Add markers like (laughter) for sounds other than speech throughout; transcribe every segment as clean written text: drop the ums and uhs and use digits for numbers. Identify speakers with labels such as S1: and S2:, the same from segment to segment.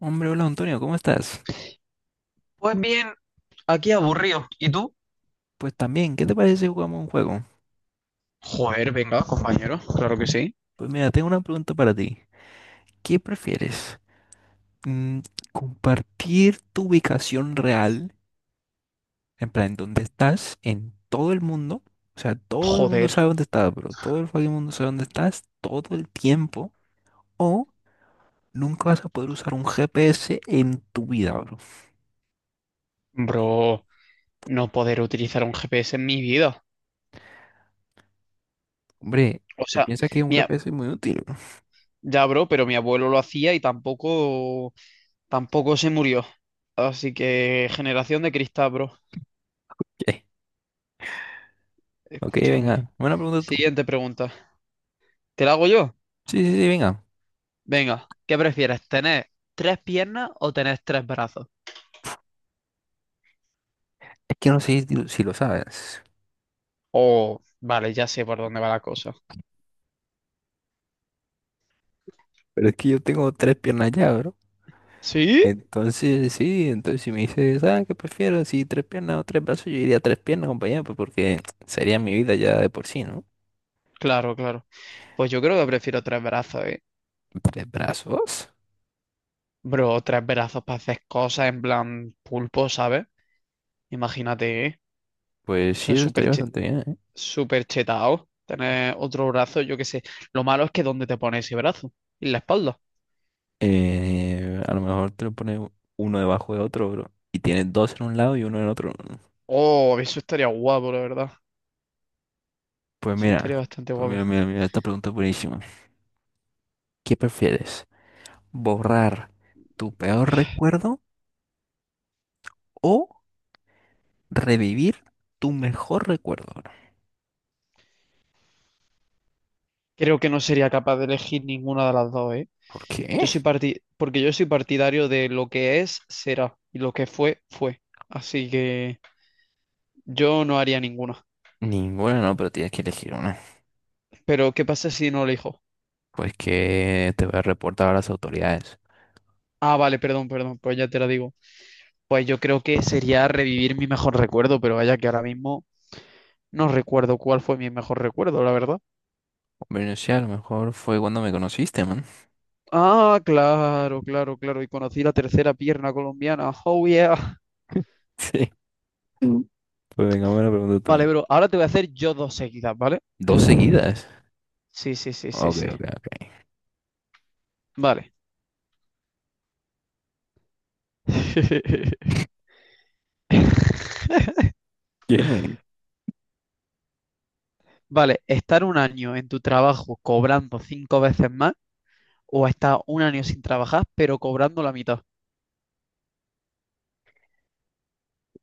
S1: Hombre, hola Antonio, ¿cómo estás?
S2: Pues bien, aquí aburrido. ¿Y tú?
S1: Pues también, ¿qué te parece si jugamos un juego?
S2: Joder, venga, compañero, claro que sí.
S1: Pues mira, tengo una pregunta para ti. ¿Qué prefieres? Mm, ¿compartir tu ubicación real, en plan, dónde estás, en todo el mundo? O sea, todo el mundo
S2: Joder,
S1: sabe dónde estás, pero todo el fucking mundo sabe dónde estás todo el tiempo. O nunca vas a poder usar un GPS en tu vida, bro.
S2: bro, no poder utilizar un GPS en mi vida.
S1: Hombre,
S2: O
S1: yo
S2: sea,
S1: pienso que un
S2: mira,
S1: GPS es muy útil. (laughs) ¿No?
S2: ya, bro, pero mi abuelo lo hacía y tampoco se murió. Así que, generación de cristal, bro.
S1: Ok,
S2: Escúchame.
S1: venga, buena pregunta tú.
S2: Siguiente pregunta. ¿Te la hago yo?
S1: Sí, sí, sí, venga.
S2: Venga, ¿qué prefieres, tener tres piernas o tener tres brazos?
S1: Es que no sé si lo sabes.
S2: Oh, vale, ya sé por dónde va la cosa.
S1: Pero es que yo tengo tres piernas ya, bro.
S2: ¿Sí?
S1: Entonces, sí, entonces si me dices, ah, ¿qué prefiero? Si tres piernas o tres brazos, yo diría tres piernas, compañero, pues porque sería mi vida ya de por sí, ¿no?
S2: Claro, claro. Pues yo creo que prefiero tres brazos, ¿eh?
S1: ¿Tres brazos?
S2: Bro, tres brazos para hacer cosas en plan pulpo, ¿sabes? Imagínate, ¿eh?
S1: Pues
S2: Eso
S1: sí,
S2: es
S1: eso estaría bastante bien, ¿eh?
S2: súper chetado. Tener otro brazo, yo qué sé. Lo malo es que ¿dónde te pones ese brazo? En la espalda.
S1: A lo mejor te lo pones uno debajo de otro, bro. Y tienes dos en un lado y uno en otro.
S2: Oh, eso estaría guapo, la verdad.
S1: Pues
S2: Eso
S1: mira,
S2: estaría bastante
S1: pues mira,
S2: guapo.
S1: mira, mira, esta pregunta es buenísima. ¿Qué prefieres? ¿Borrar tu peor recuerdo o revivir tu mejor recuerdo?
S2: Creo que no sería capaz de elegir ninguna de las dos, ¿eh?
S1: ¿Por qué?
S2: Porque yo soy partidario de lo que es, será. Y lo que fue, fue. Así que yo no haría ninguna.
S1: Ninguna no, pero tienes que elegir una.
S2: Pero, ¿qué pasa si no elijo?
S1: Pues que te voy a reportar a las autoridades.
S2: Ah, vale, perdón, perdón, pues ya te lo digo. Pues yo creo que sería revivir mi mejor recuerdo, pero vaya que ahora mismo no recuerdo cuál fue mi mejor recuerdo, la verdad.
S1: Bueno, sí, a lo mejor fue cuando me conociste, man.
S2: Ah, claro, claro, claro. Y conocí la tercera pierna colombiana. Oh, yeah.
S1: (laughs) Sí, pues venga, me la pregunta
S2: Vale,
S1: también.
S2: bro, ahora te voy a hacer yo dos seguidas, ¿vale?
S1: Dos seguidas.
S2: Sí, sí, sí, sí,
S1: Ok,
S2: sí.
S1: ok, ok.
S2: Vale. (laughs)
S1: ¿Qué?
S2: Vale, estar un año en tu trabajo cobrando cinco veces más o estar un año sin trabajar, pero cobrando la mitad.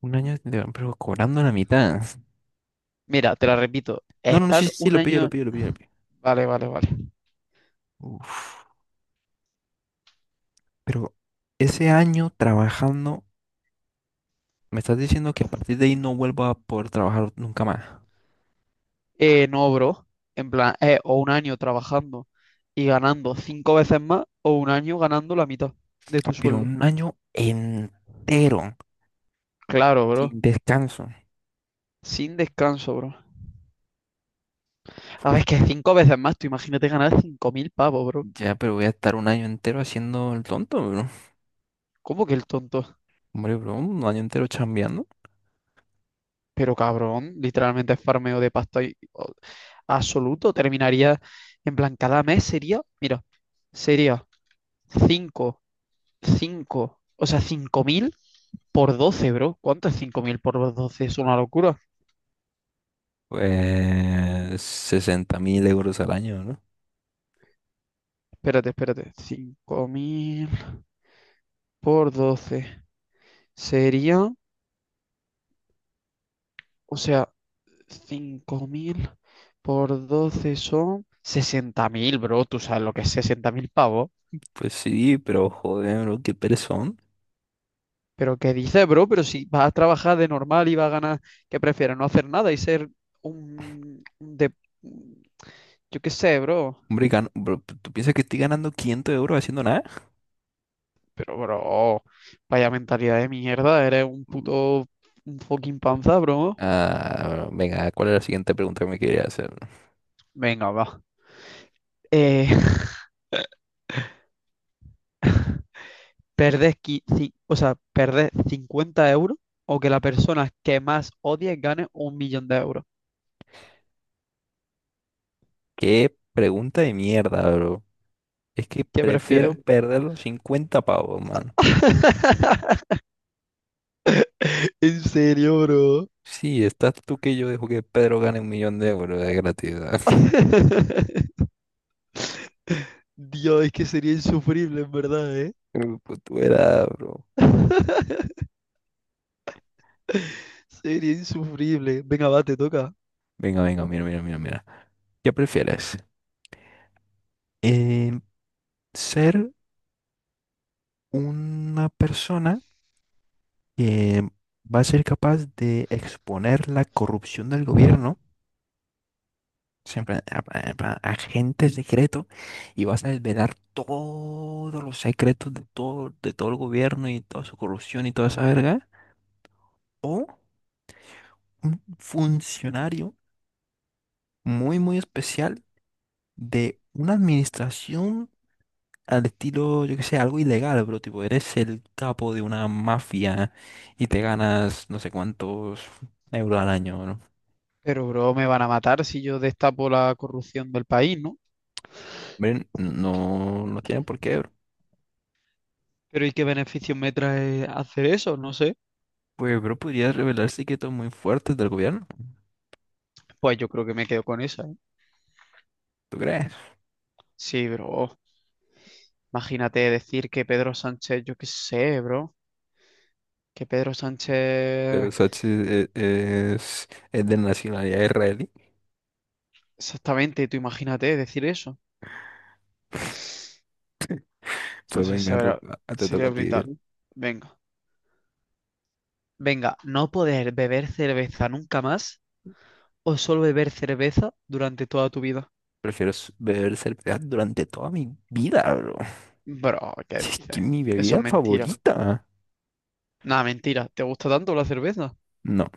S1: Un año, pero cobrando la mitad.
S2: Mira, te la repito,
S1: No, no, no, sí,
S2: estar
S1: sí, sí,
S2: un
S1: lo pillo, lo
S2: año,
S1: pillo, lo pillo, lo pillo.
S2: vale, vale, vale.
S1: Uf, pero ese año trabajando, me estás diciendo que a partir de ahí no vuelvo a poder trabajar nunca más.
S2: No, bro, en plan, o un año trabajando y ganando cinco veces más, o un año ganando la mitad de
S1: Ah,
S2: tu
S1: pero
S2: sueldo.
S1: un año entero,
S2: Claro, bro,
S1: sin descanso.
S2: sin descanso, bro. A ver, es que cinco veces más, tú imagínate ganar 5.000 pavos, bro.
S1: Ya, pero voy a estar un año entero haciendo el tonto, bro.
S2: ¿Cómo que el tonto?
S1: Hombre, bro, un año entero chambeando.
S2: Pero cabrón, literalmente es farmeo de pasta absoluto. Terminaría, en plan, cada mes sería, mira, sería cinco, o sea, 5.000. Por 12, bro. ¿Cuánto es 5.000 por doce? Es una locura.
S1: Pues 60.000 euros al año, ¿no?
S2: Espérate, espérate. 5.000 por doce, sería, o sea, 5.000 por 12 son 60.000, bro. Tú sabes lo que es 60.000 pavos.
S1: Pues sí, pero joder, bro, qué perezón.
S2: Pero ¿qué dices, bro? Pero si vas a trabajar de normal y vas a ganar, ¿qué prefieres? No hacer nada y ser un... un de... yo qué sé, bro.
S1: Hombre, bro, ¿tú piensas que estoy ganando 500 euros haciendo nada?
S2: Pero, bro, vaya mentalidad de mierda. Eres
S1: Mm.
S2: un fucking panza, bro.
S1: Ah, bro, venga, ¿cuál es la siguiente pregunta que me quería hacer, bro?
S2: Venga, va. Eh, (laughs) perdés, qui- ci- o sea, perdés 50 € o que la persona que más odies gane 1 millón de euros.
S1: Qué pregunta de mierda, bro. Es que
S2: ¿Qué prefieres?
S1: prefiero perder los 50 pavos, mano.
S2: (laughs) ¿En serio, bro?
S1: Sí, estás tú que yo dejo que Pedro gane 1.000.000 de euros de gratuidad. (laughs)
S2: (laughs) Dios, es que sería insufrible, en verdad, ¿eh?
S1: Pero pues, tú era, (laughs) bro.
S2: (laughs) Sería insufrible. Venga, va, te toca.
S1: Venga, venga, mira, mira, mira, mira. ¿Qué prefieres? Eh, ¿Ser una persona que va a ser capaz de exponer la corrupción del gobierno, siempre a- agente secreto, y vas a desvelar todos los secretos de todo el gobierno y toda su corrupción y toda esa verga? ¿O un funcionario muy, muy especial de una administración, al estilo, yo que sé, algo ilegal, pero tipo, eres el capo de una mafia y te ganas no sé cuántos euros al año, ¿no?
S2: Pero, bro, me van a matar si yo destapo la corrupción del país, ¿no?
S1: Hombre, no, no tienen por qué, bro.
S2: Pero ¿y qué beneficios me trae hacer eso? No sé.
S1: Pues, bro, podría revelar secretos muy fuertes del gobierno,
S2: Pues yo creo que me quedo con esa, ¿eh?
S1: ¿tú crees?
S2: Sí, bro. Imagínate decir que Pedro Sánchez, yo qué sé, bro. Que Pedro Sánchez...
S1: Pero Sachi es de nacionalidad israelí.
S2: Exactamente, tú imagínate decir eso. O
S1: Pues
S2: sea,
S1: venga, bro, te toca
S2: sería
S1: a ti,
S2: brutal.
S1: bro.
S2: Venga. Venga, no poder beber cerveza nunca más o solo beber cerveza durante toda tu vida.
S1: Prefiero beber cerveza durante toda mi vida, bro.
S2: Bro, ¿qué
S1: Si es que
S2: dices?
S1: mi
S2: Eso es
S1: bebida
S2: mentira.
S1: favorita.
S2: Nada, mentira. ¿Te gusta tanto la cerveza?
S1: No.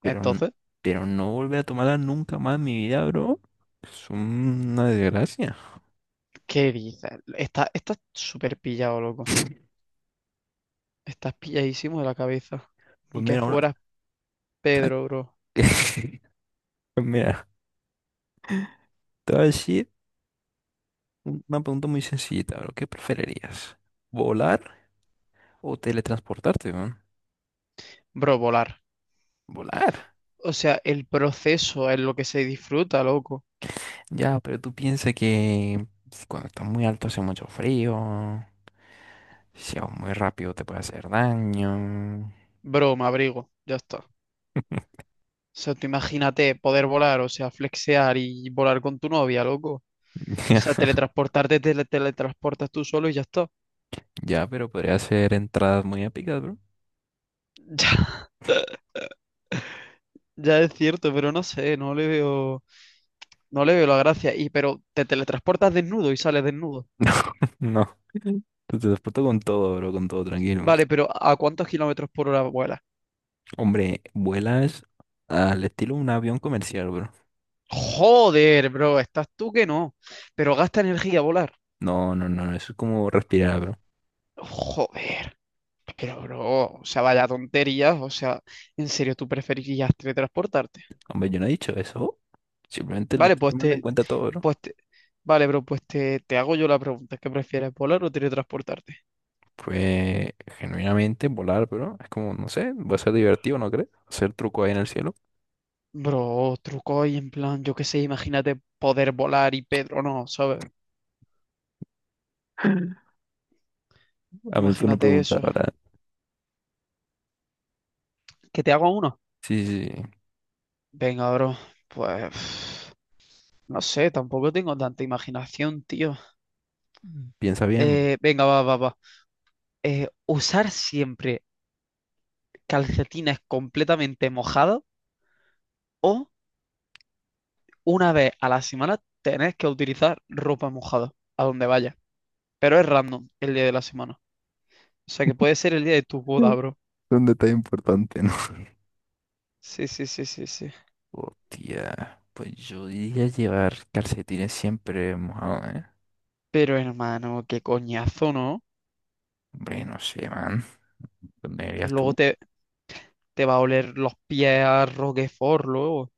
S1: Pero
S2: Entonces,
S1: pero no volver a tomarla nunca más en mi vida, bro. Es una desgracia.
S2: ¿qué dices? Está súper pillado, loco.
S1: (laughs)
S2: Estás pilladísimo de la cabeza. Ni
S1: Pues
S2: que
S1: mira, una...
S2: fuera
S1: ¿Sabes
S2: Pedro, bro.
S1: qué? (laughs) Pues mira, te voy a decir una pregunta muy sencillita, bro. ¿Qué preferirías? ¿Volar o teletransportarte, weón?
S2: Bro, volar.
S1: Volar.
S2: O sea, el proceso es lo que se disfruta, loco.
S1: Ya, pero tú piensas que pues, cuando estás muy alto hace mucho frío. Si vas muy rápido te puede hacer daño.
S2: Bro, me abrigo, ya está. O sea, tú imagínate poder volar, o sea, flexear y volar con tu novia, loco. O sea,
S1: (laughs)
S2: teletransportarte, teletransportas tú solo y ya está.
S1: Ya, pero podría hacer entradas muy épicas, bro.
S2: (laughs) Ya, ya es cierto, pero no sé, no le veo la gracia. Y pero te teletransportas desnudo y sales desnudo.
S1: No, (laughs) no. Te transporto con todo, bro, con todo, tranquilo.
S2: Vale, pero ¿a cuántos kilómetros por hora vuelas?
S1: Hombre, vuelas al estilo de un avión comercial, bro.
S2: Joder, bro, estás tú que no. Pero gasta energía volar.
S1: No, no, no, eso es como respirar, bro.
S2: Joder. Pero, bro, o sea, vaya tonterías, o sea, en serio, tú preferirías teletransportarte.
S1: Hombre, yo no he dicho eso. Simplemente lo
S2: Vale,
S1: estoy tomando en cuenta todo, bro.
S2: pues te- vale, bro, te hago yo la pregunta, ¿qué prefieres, volar o teletransportarte?
S1: Pues, genuinamente, volar, bro, es como, no sé, va a ser divertido, ¿no crees? Hacer truco ahí en el cielo.
S2: Bro, truco y en plan, yo qué sé, imagínate poder volar y Pedro no, ¿sabes?
S1: A veces uno
S2: Imagínate
S1: pregunta,
S2: eso.
S1: ahora,
S2: ¿Que te hago uno?
S1: sí, sí, sí,
S2: Venga, bro, pues, (sighs) no sé, tampoco tengo tanta imaginación, tío.
S1: piensa bien, bro.
S2: Venga, va, va, va. Usar siempre calcetines completamente mojados o una vez a la semana tenés que utilizar ropa mojada a donde vayas. Pero es random el día de la semana. O sea que puede ser el día de tu
S1: Mm.
S2: boda, bro.
S1: Es un detalle importante, ¿no?
S2: Sí, sí, sí, sí, sí.
S1: Hostia, pues yo diría llevar calcetines siempre mojados, ¿eh?
S2: Pero hermano, qué coñazo, ¿no?
S1: Hombre, no sé, man. ¿Dónde irías
S2: Luego
S1: tú?
S2: te va a oler los pies a Roquefort luego.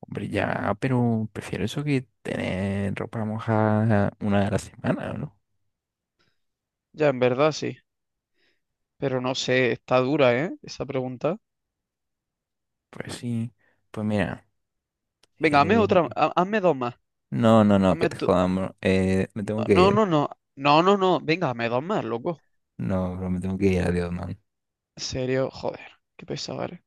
S1: Hombre, ya, pero prefiero eso que tener ropa mojada una de la semana, ¿no?
S2: Ya, en verdad sí. Pero no sé, está dura, ¿eh? Esa pregunta.
S1: Pues sí. Pues mira,
S2: Venga, hazme otra,
S1: eh,
S2: hazme dos más.
S1: no, no, no, que
S2: Hazme
S1: te
S2: tú-
S1: jodamos. Me tengo que
S2: No,
S1: ir.
S2: no, no. No, no, no. Venga, hazme dos más, loco.
S1: No, bro, me tengo que ir. Adiós, man.
S2: En serio, joder. Qué pesado eres.